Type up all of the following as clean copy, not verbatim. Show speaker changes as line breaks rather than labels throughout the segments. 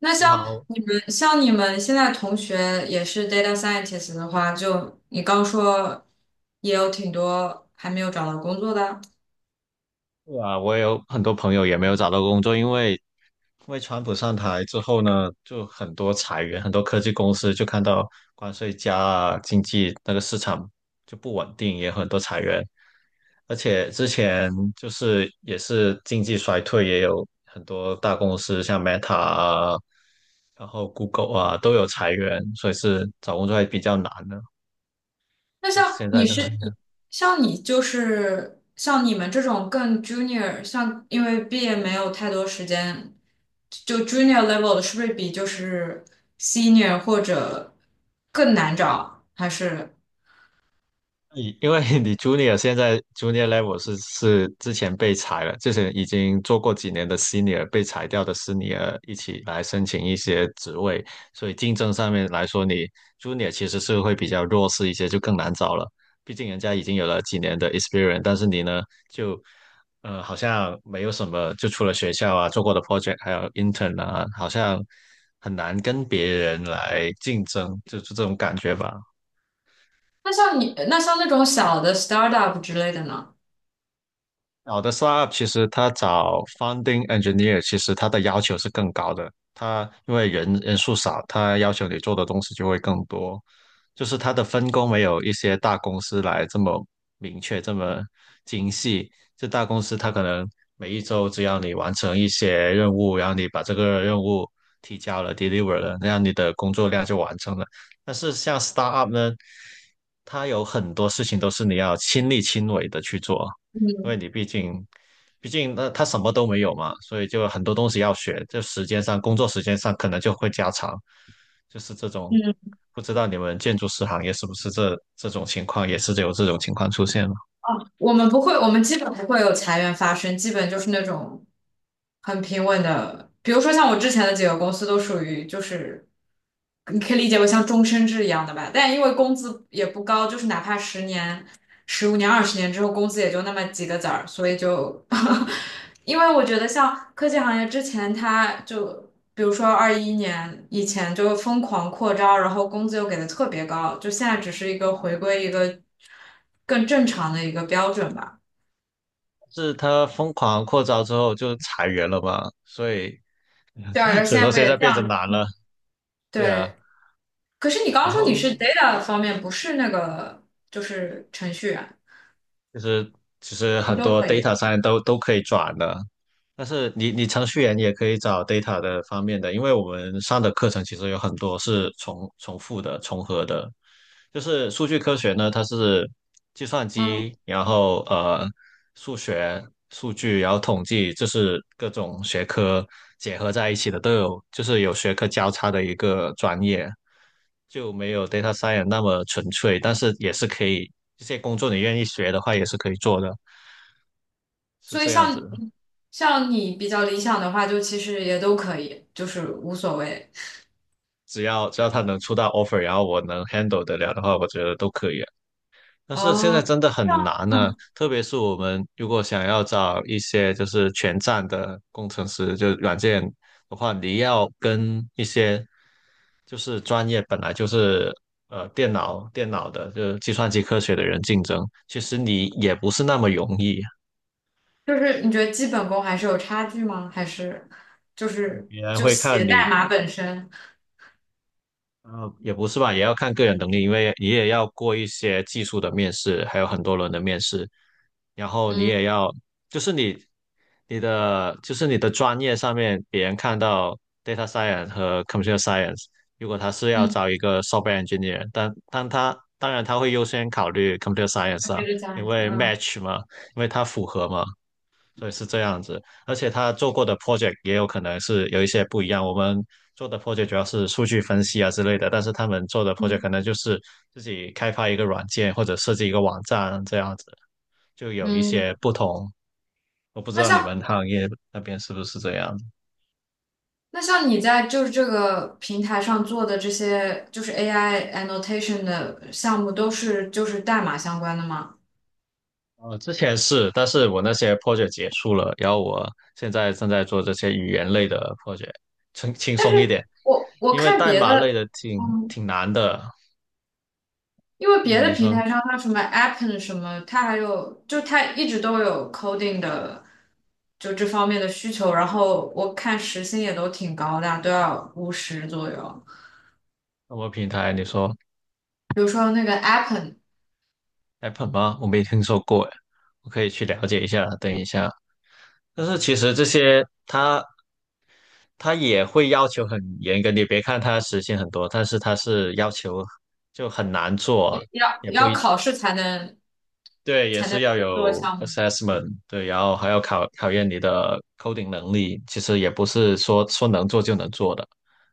那
你
像
好。
你们现在同学也是 data scientist 的话，就你刚说也有挺多还没有找到工作的。
啊，我有很多朋友也没有找到工作，因为川普上台之后呢，就很多裁员，很多科技公司就看到关税加啊，经济那个市场就不稳定，也很多裁员，而且之前就是也是经济衰退，也有很多大公司像 Meta 啊，然后 Google 啊都有裁员，所以是找工作还比较难的，
那
就是
像
现在
你
都还。
是像你就是像你们这种更 junior，像因为毕业没有太多时间，就 junior level 的是不是比就是 senior 或者更难找？还是
你因为你 junior 现在 junior level 是之前被裁了，之前已经做过几年的 senior 被裁掉的 senior 一起来申请一些职位，所以竞争上面来说，你 junior 其实是会比较弱势一些，就更难找了。毕竟人家已经有了几年的 experience，但是你呢，就好像没有什么，就除了学校啊做过的 project，还有 intern 啊，好像很难跟别人来竞争，就是这种感觉吧。
那像你那像那种小的 startup 之类的呢？
好的 startup 其实它找 founding engineer，其实它的要求是更高的。它因为人数少，它要求你做的东西就会更多。就是它的分工没有一些大公司来这么明确、这么精细。这大公司它可能每一周只要你完成一些任务，然后你把这个任务提交了、deliver 了，那样你的工作量就完成了。但是像 startup 呢，它有很多事情都是你要亲力亲为的去做。因
嗯
为你毕竟，毕竟那他什么都没有嘛，所以就很多东西要学，就时间上、工作时间上可能就会加长，就是这种。
嗯。
不知道你们建筑师行业是不是这种情况，也是有这种情况出现吗？
哦，我们不会，我们基本不会有裁员发生，基本就是那种很平稳的。比如说像我之前的几个公司都属于就是，你可以理解为像终身制一样的吧。但因为工资也不高，就是哪怕十年、15年、20年之后，工资也就那么几个子儿，所以就，因为我觉得像科技行业之前，他就比如说21年以前就疯狂扩招，然后工资又给的特别高，就现在只是一个回归一个。更正常的一个标准吧。
是他疯狂扩招之后就裁员了嘛，所以
对 啊，
所
现
以
在
说
不
现
也
在变得
降了？
难了，对啊。
对，可是你刚
然
刚说你
后
是 data 方面，不是那个就是程序员，
就是其实
你
很
都
多
可以。
data 上面都可以转的，但是你程序员也可以找 data 的方面的，因为我们上的课程其实有很多是重复的、重合的，就是数据科学呢，它是计算
嗯，
机，然后数学、数据，然后统计，就是各种学科结合在一起的，都有就是有学科交叉的一个专业。就没有 data science 那么纯粹，但是也是可以，这些工作你愿意学的话也是可以做的，是
所以
这样子
像
的。
像你比较理想的话，就其实也都可以，就是无所谓。
只要他能出到 offer，然后我能 handle 得了的话，我觉得都可以啊。但是现在
哦，
真的
这
很
样，
难呢、
嗯，
特别是我们如果想要找一些就是全站的工程师，就是软件的话，你要跟一些就是专业本来就是电脑的，就是计算机科学的人竞争，其实你也不是那么容易。
就是你觉得基本功还是有差距吗？还是就是
别人
就
会
写
看
代
你，
码本身？
也不是吧，也要看个人能力，因为你也要过一些技术的面试，还有很多轮的面试，然后你
嗯
也要，就是你，你的，就是你的专业上面，别人看到 data science 和 computer science，如果他是要
嗯，
招一个 software engineer，但他当然他会优先考虑 computer science 啊，
接着讲
因
一下，
为
嗯
match 嘛，因为它符合嘛，所以是这样子，而且他做过的 project 也有可能是有一些不一样。我们做的 project 主要是数据分析啊之类的，但是他们做的 project
嗯
可能就是自己开发一个软件或者设计一个网站这样子，就有一
嗯。
些不同。我不知
那
道你
像
们行业那边是不是这样。
那像你在就是这个平台上做的这些，就是 AI annotation 的项目，都是就是代码相关的吗？
呃，之前是，但是我那些 project 结束了，然后我现在正在做这些语言类的 project，轻松一点，
我
因为
看
代
别
码类
的，
的
嗯，
挺难的。
因为别
嗯，
的
你
平
说
台上它什么 Appen 什么，它还有就它一直都有 coding 的，就这方面的需求。然后我看时薪也都挺高的啊，都要50左右。
什么平台？你说。
比如说那个 Appen
Apple 吗？我没听说过诶，我可以去了解一下。等一下，但是其实这些它也会要求很严格，你别看它实现很多，但是它是要求就很难做，
也要
也
也
不
要
一，
考试才能
对，也
才能
是要
做
有
项目，
assessment，对，然后还要考验你的 coding 能力，其实也不是说能做就能做的，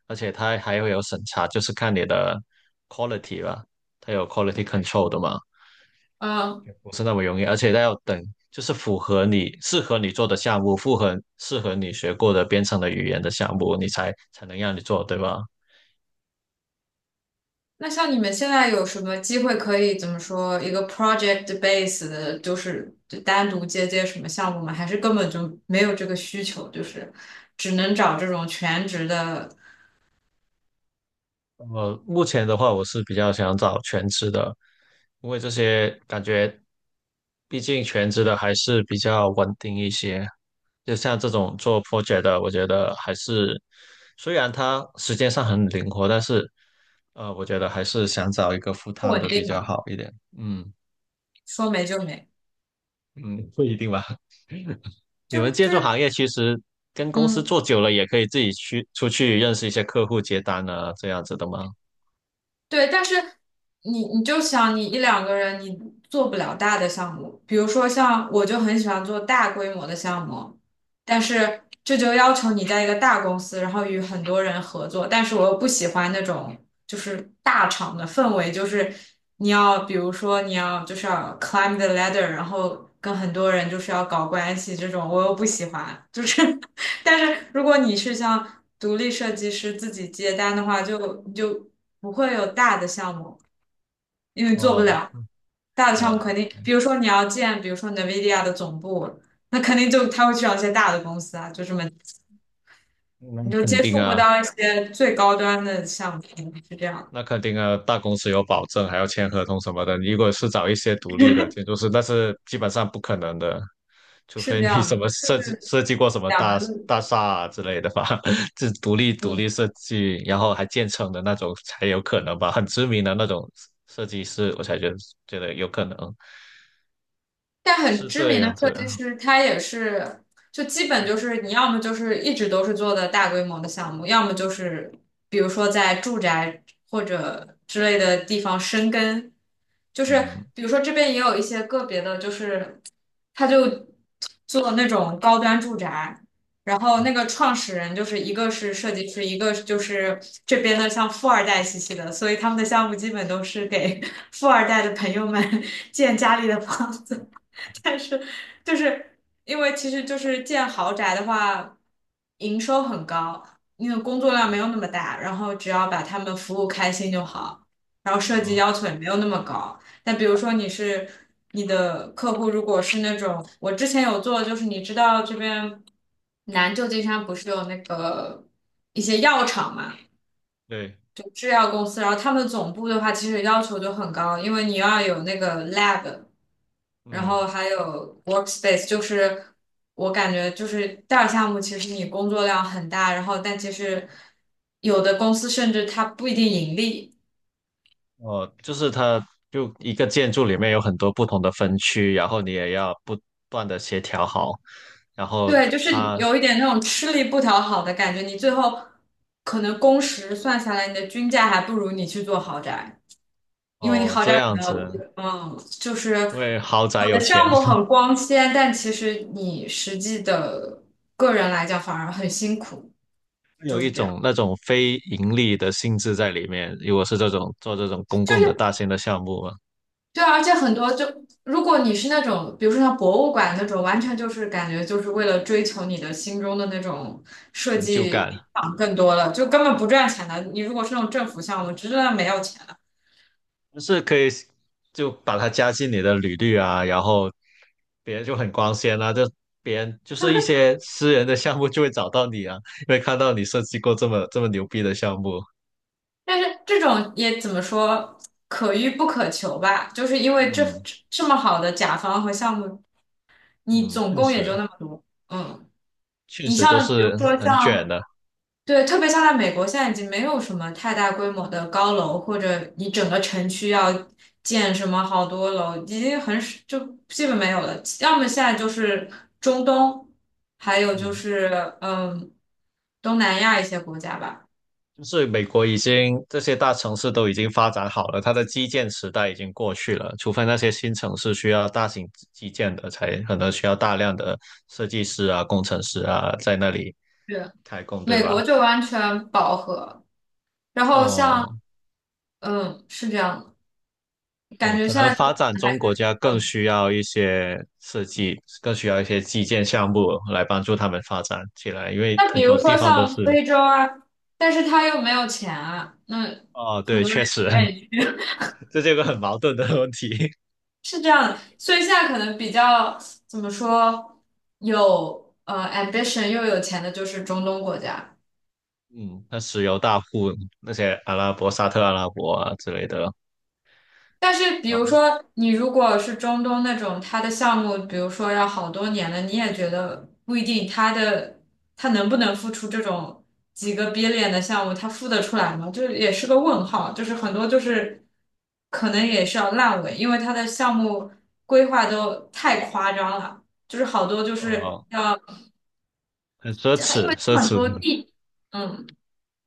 而且它还会有审查，就是看你的 quality 吧，它有 quality control 的嘛。
嗯，
不是那么容易，而且它要等，就是符合你适合你做的项目，符合适合你学过的编程的语言的项目，你才能让你做，对吧？
那像你们现在有什么机会可以怎么说一个 project base 的，就是就单独接接什么项目吗？还是根本就没有这个需求，就是只能找这种全职的
呃，目前的话，我是比较想找全职的，因为这些感觉，毕竟全职的还是比较稳定一些。就像这种做 project 的，我觉得还是，虽然它时间上很灵活，但是我觉得还是想找一个 full
不
time
稳
的比
定
较
嘛，
好一点。嗯。
说没就没，
嗯，不一定吧。你
就
们建
就
筑
是
行业其实跟公司
嗯，
做久了，也可以自己去出去认识一些客户、接单啊，这样子的吗？
对，但是你就想你一两个人你做不了大的项目，比如说像我就很喜欢做大规模的项目，但是这就要求你在一个大公司，然后与很多人合作，但是我又不喜欢那种就是大厂的氛围，就是你要比如说你要就是要 climb the ladder，然后跟很多人就是要搞关系这种，我又不喜欢，就是 但是如果你是像独立设计师自己接单的话，就不会有大的项目，因为做不
哦。
了。大的项目
哦，
肯定，比如说你要建，比如说 NVIDIA 的总部，那肯定就他会去找一些大的公司啊，就这么
那
你就
肯
接
定
触不
啊，
到一些最高端的项目，是这样的，
那肯定啊，大公司有保证，还要签合同什么的。如果是找一些独立的建筑师，那是基本上不可能的，除
是
非
这
你
样
什
的，
么
就
设计
是
设计过什么
两个路。
大厦啊之类的吧，是独
嗯。
立设计，然后还建成的那种才有可能吧，很知名的那种设计师，我才觉得有可能。
但很
是
知
这
名的
样
设
子，
计师，他也是，就基本就
也
是你要么就是一直都是做的大规模的项目，要么就是比如说在住宅或者之类的地方生根，就是
嗯。
比如说这边也有一些个别的，就是他就做那种高端住宅，然后那
嗯
个创始人就是一个是设计师，一个就是这边的像富二代兮兮的，所以他们的项目基本都是给 富二代的朋友们建家里的房子。但是就是因为其实就是建豪宅的话，营收很高，因为工作量
啊。
没有那么大，然后只要把他们服务开心就好，然后设计
哦。
要求也没有那么高。但比如说你是你的客户，如果是那种我之前有做，就是你知道这边南旧金山不是有那个一些药厂嘛？
对，
制药公司，然后他们总部的话其实要求就很高，因为你要有那个 lab，然后
嗯。
还有 workspace，就是我感觉就是大项目，其实你工作量很大，然后但其实有的公司甚至它不一定盈利，
哦，就是就一个建筑里面有很多不同的分区，然后你也要不断的协调好，然后
对，就是
它
有一点那种吃力不讨好的感觉，你最后可能工时算下来，你的均价还不如你去做豪宅。因为你
哦
好点
这
儿可
样
能，
子，
嗯，就是
因为豪
我
宅
的
有钱。
项目 很光鲜，但其实你实际的个人来讲反而很辛苦，就
有
是
一
这样。
种那种非盈利的性质在里面。如果是这种做这种公
就
共的
是
大型的项目嘛，
对啊，而且很多就如果你是那种，比如说像博物馆那种，完全就是感觉就是为了追求你的心中的那种设
很
计
就
理
干。
想更多了，就根本不赚钱的。你如果是那种政府项目，直的没有钱的。
就是可以就把它加进你的履历啊，然后别人就很光鲜啊，就别人就是一些私人的项目就会找到你啊，因为看到你设计过这么这么牛逼的项目，
但是这种也怎么说，可遇不可求吧？就是因为这
嗯。
这么好的甲方和项目。你
嗯，
总
确
共也就
实
那么多。嗯，
确
你
实都
像比如
是
说
很卷
像，
的。
对，特别像在美国，现在已经没有什么太大规模的高楼，或者你整个城区要建什么好多楼，已经很少，就基本没有了。要么现在就是中东，还有就
嗯，
是嗯东南亚一些国家吧。
就是美国已经这些大城市都已经发展好了，它的基建时代已经过去了，除非那些新城市需要大型基建的，才可能需要大量的设计师啊、工程师啊在那里
对，
开工，对
美国
吧？
就完全饱和，然后像
哦。
是这样的，感
哦，
觉
可
现
能
在就
发
可
展
能还
中国
是。
家更
嗯。
需要一些设计，更需要一些基建项目来帮助他们发展起来，因为
那比
很
如
多地
说
方都
像
是，
非洲啊，但是他又没有钱啊，那
哦，
很
对，
多人
确
也
实。
不愿意去，
这是一个很矛盾的问题。
是这样的。所以现在可能比较怎么说，有ambition 又有钱的就是中东国家。
嗯，那石油大户那些阿拉伯、沙特阿拉伯啊之类的，
但是，比
然
如
后
说，你如果是中东那种，他的项目，比如说要好多年了，你也觉得不一定，他能不能付出这种几个 billion 的项目，他付得出来吗？就是也是个问号，就是很多就是可能也是要烂尾，因为他的项目规划都太夸张了，就是好多就是
呃，
要，
很奢
因
侈，
为
奢
它很
侈。
多地，嗯。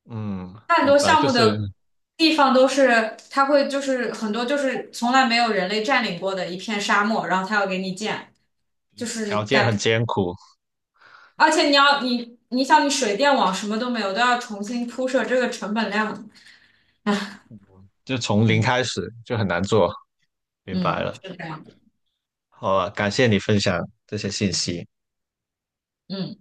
嗯，
它很多
明白，
项
就
目
是
的地方都是，它会就是很多就是从来没有人类占领过的一片沙漠，然后它要给你建，就是
条件很
感，
艰苦，
而且你要你想你水电网什么都没有，都要重新铺设，这个成本量，
就从零
嗯
开始就很难做，明白
嗯，
了。
是这样的，
好啊，感谢你分享这些信息。
嗯。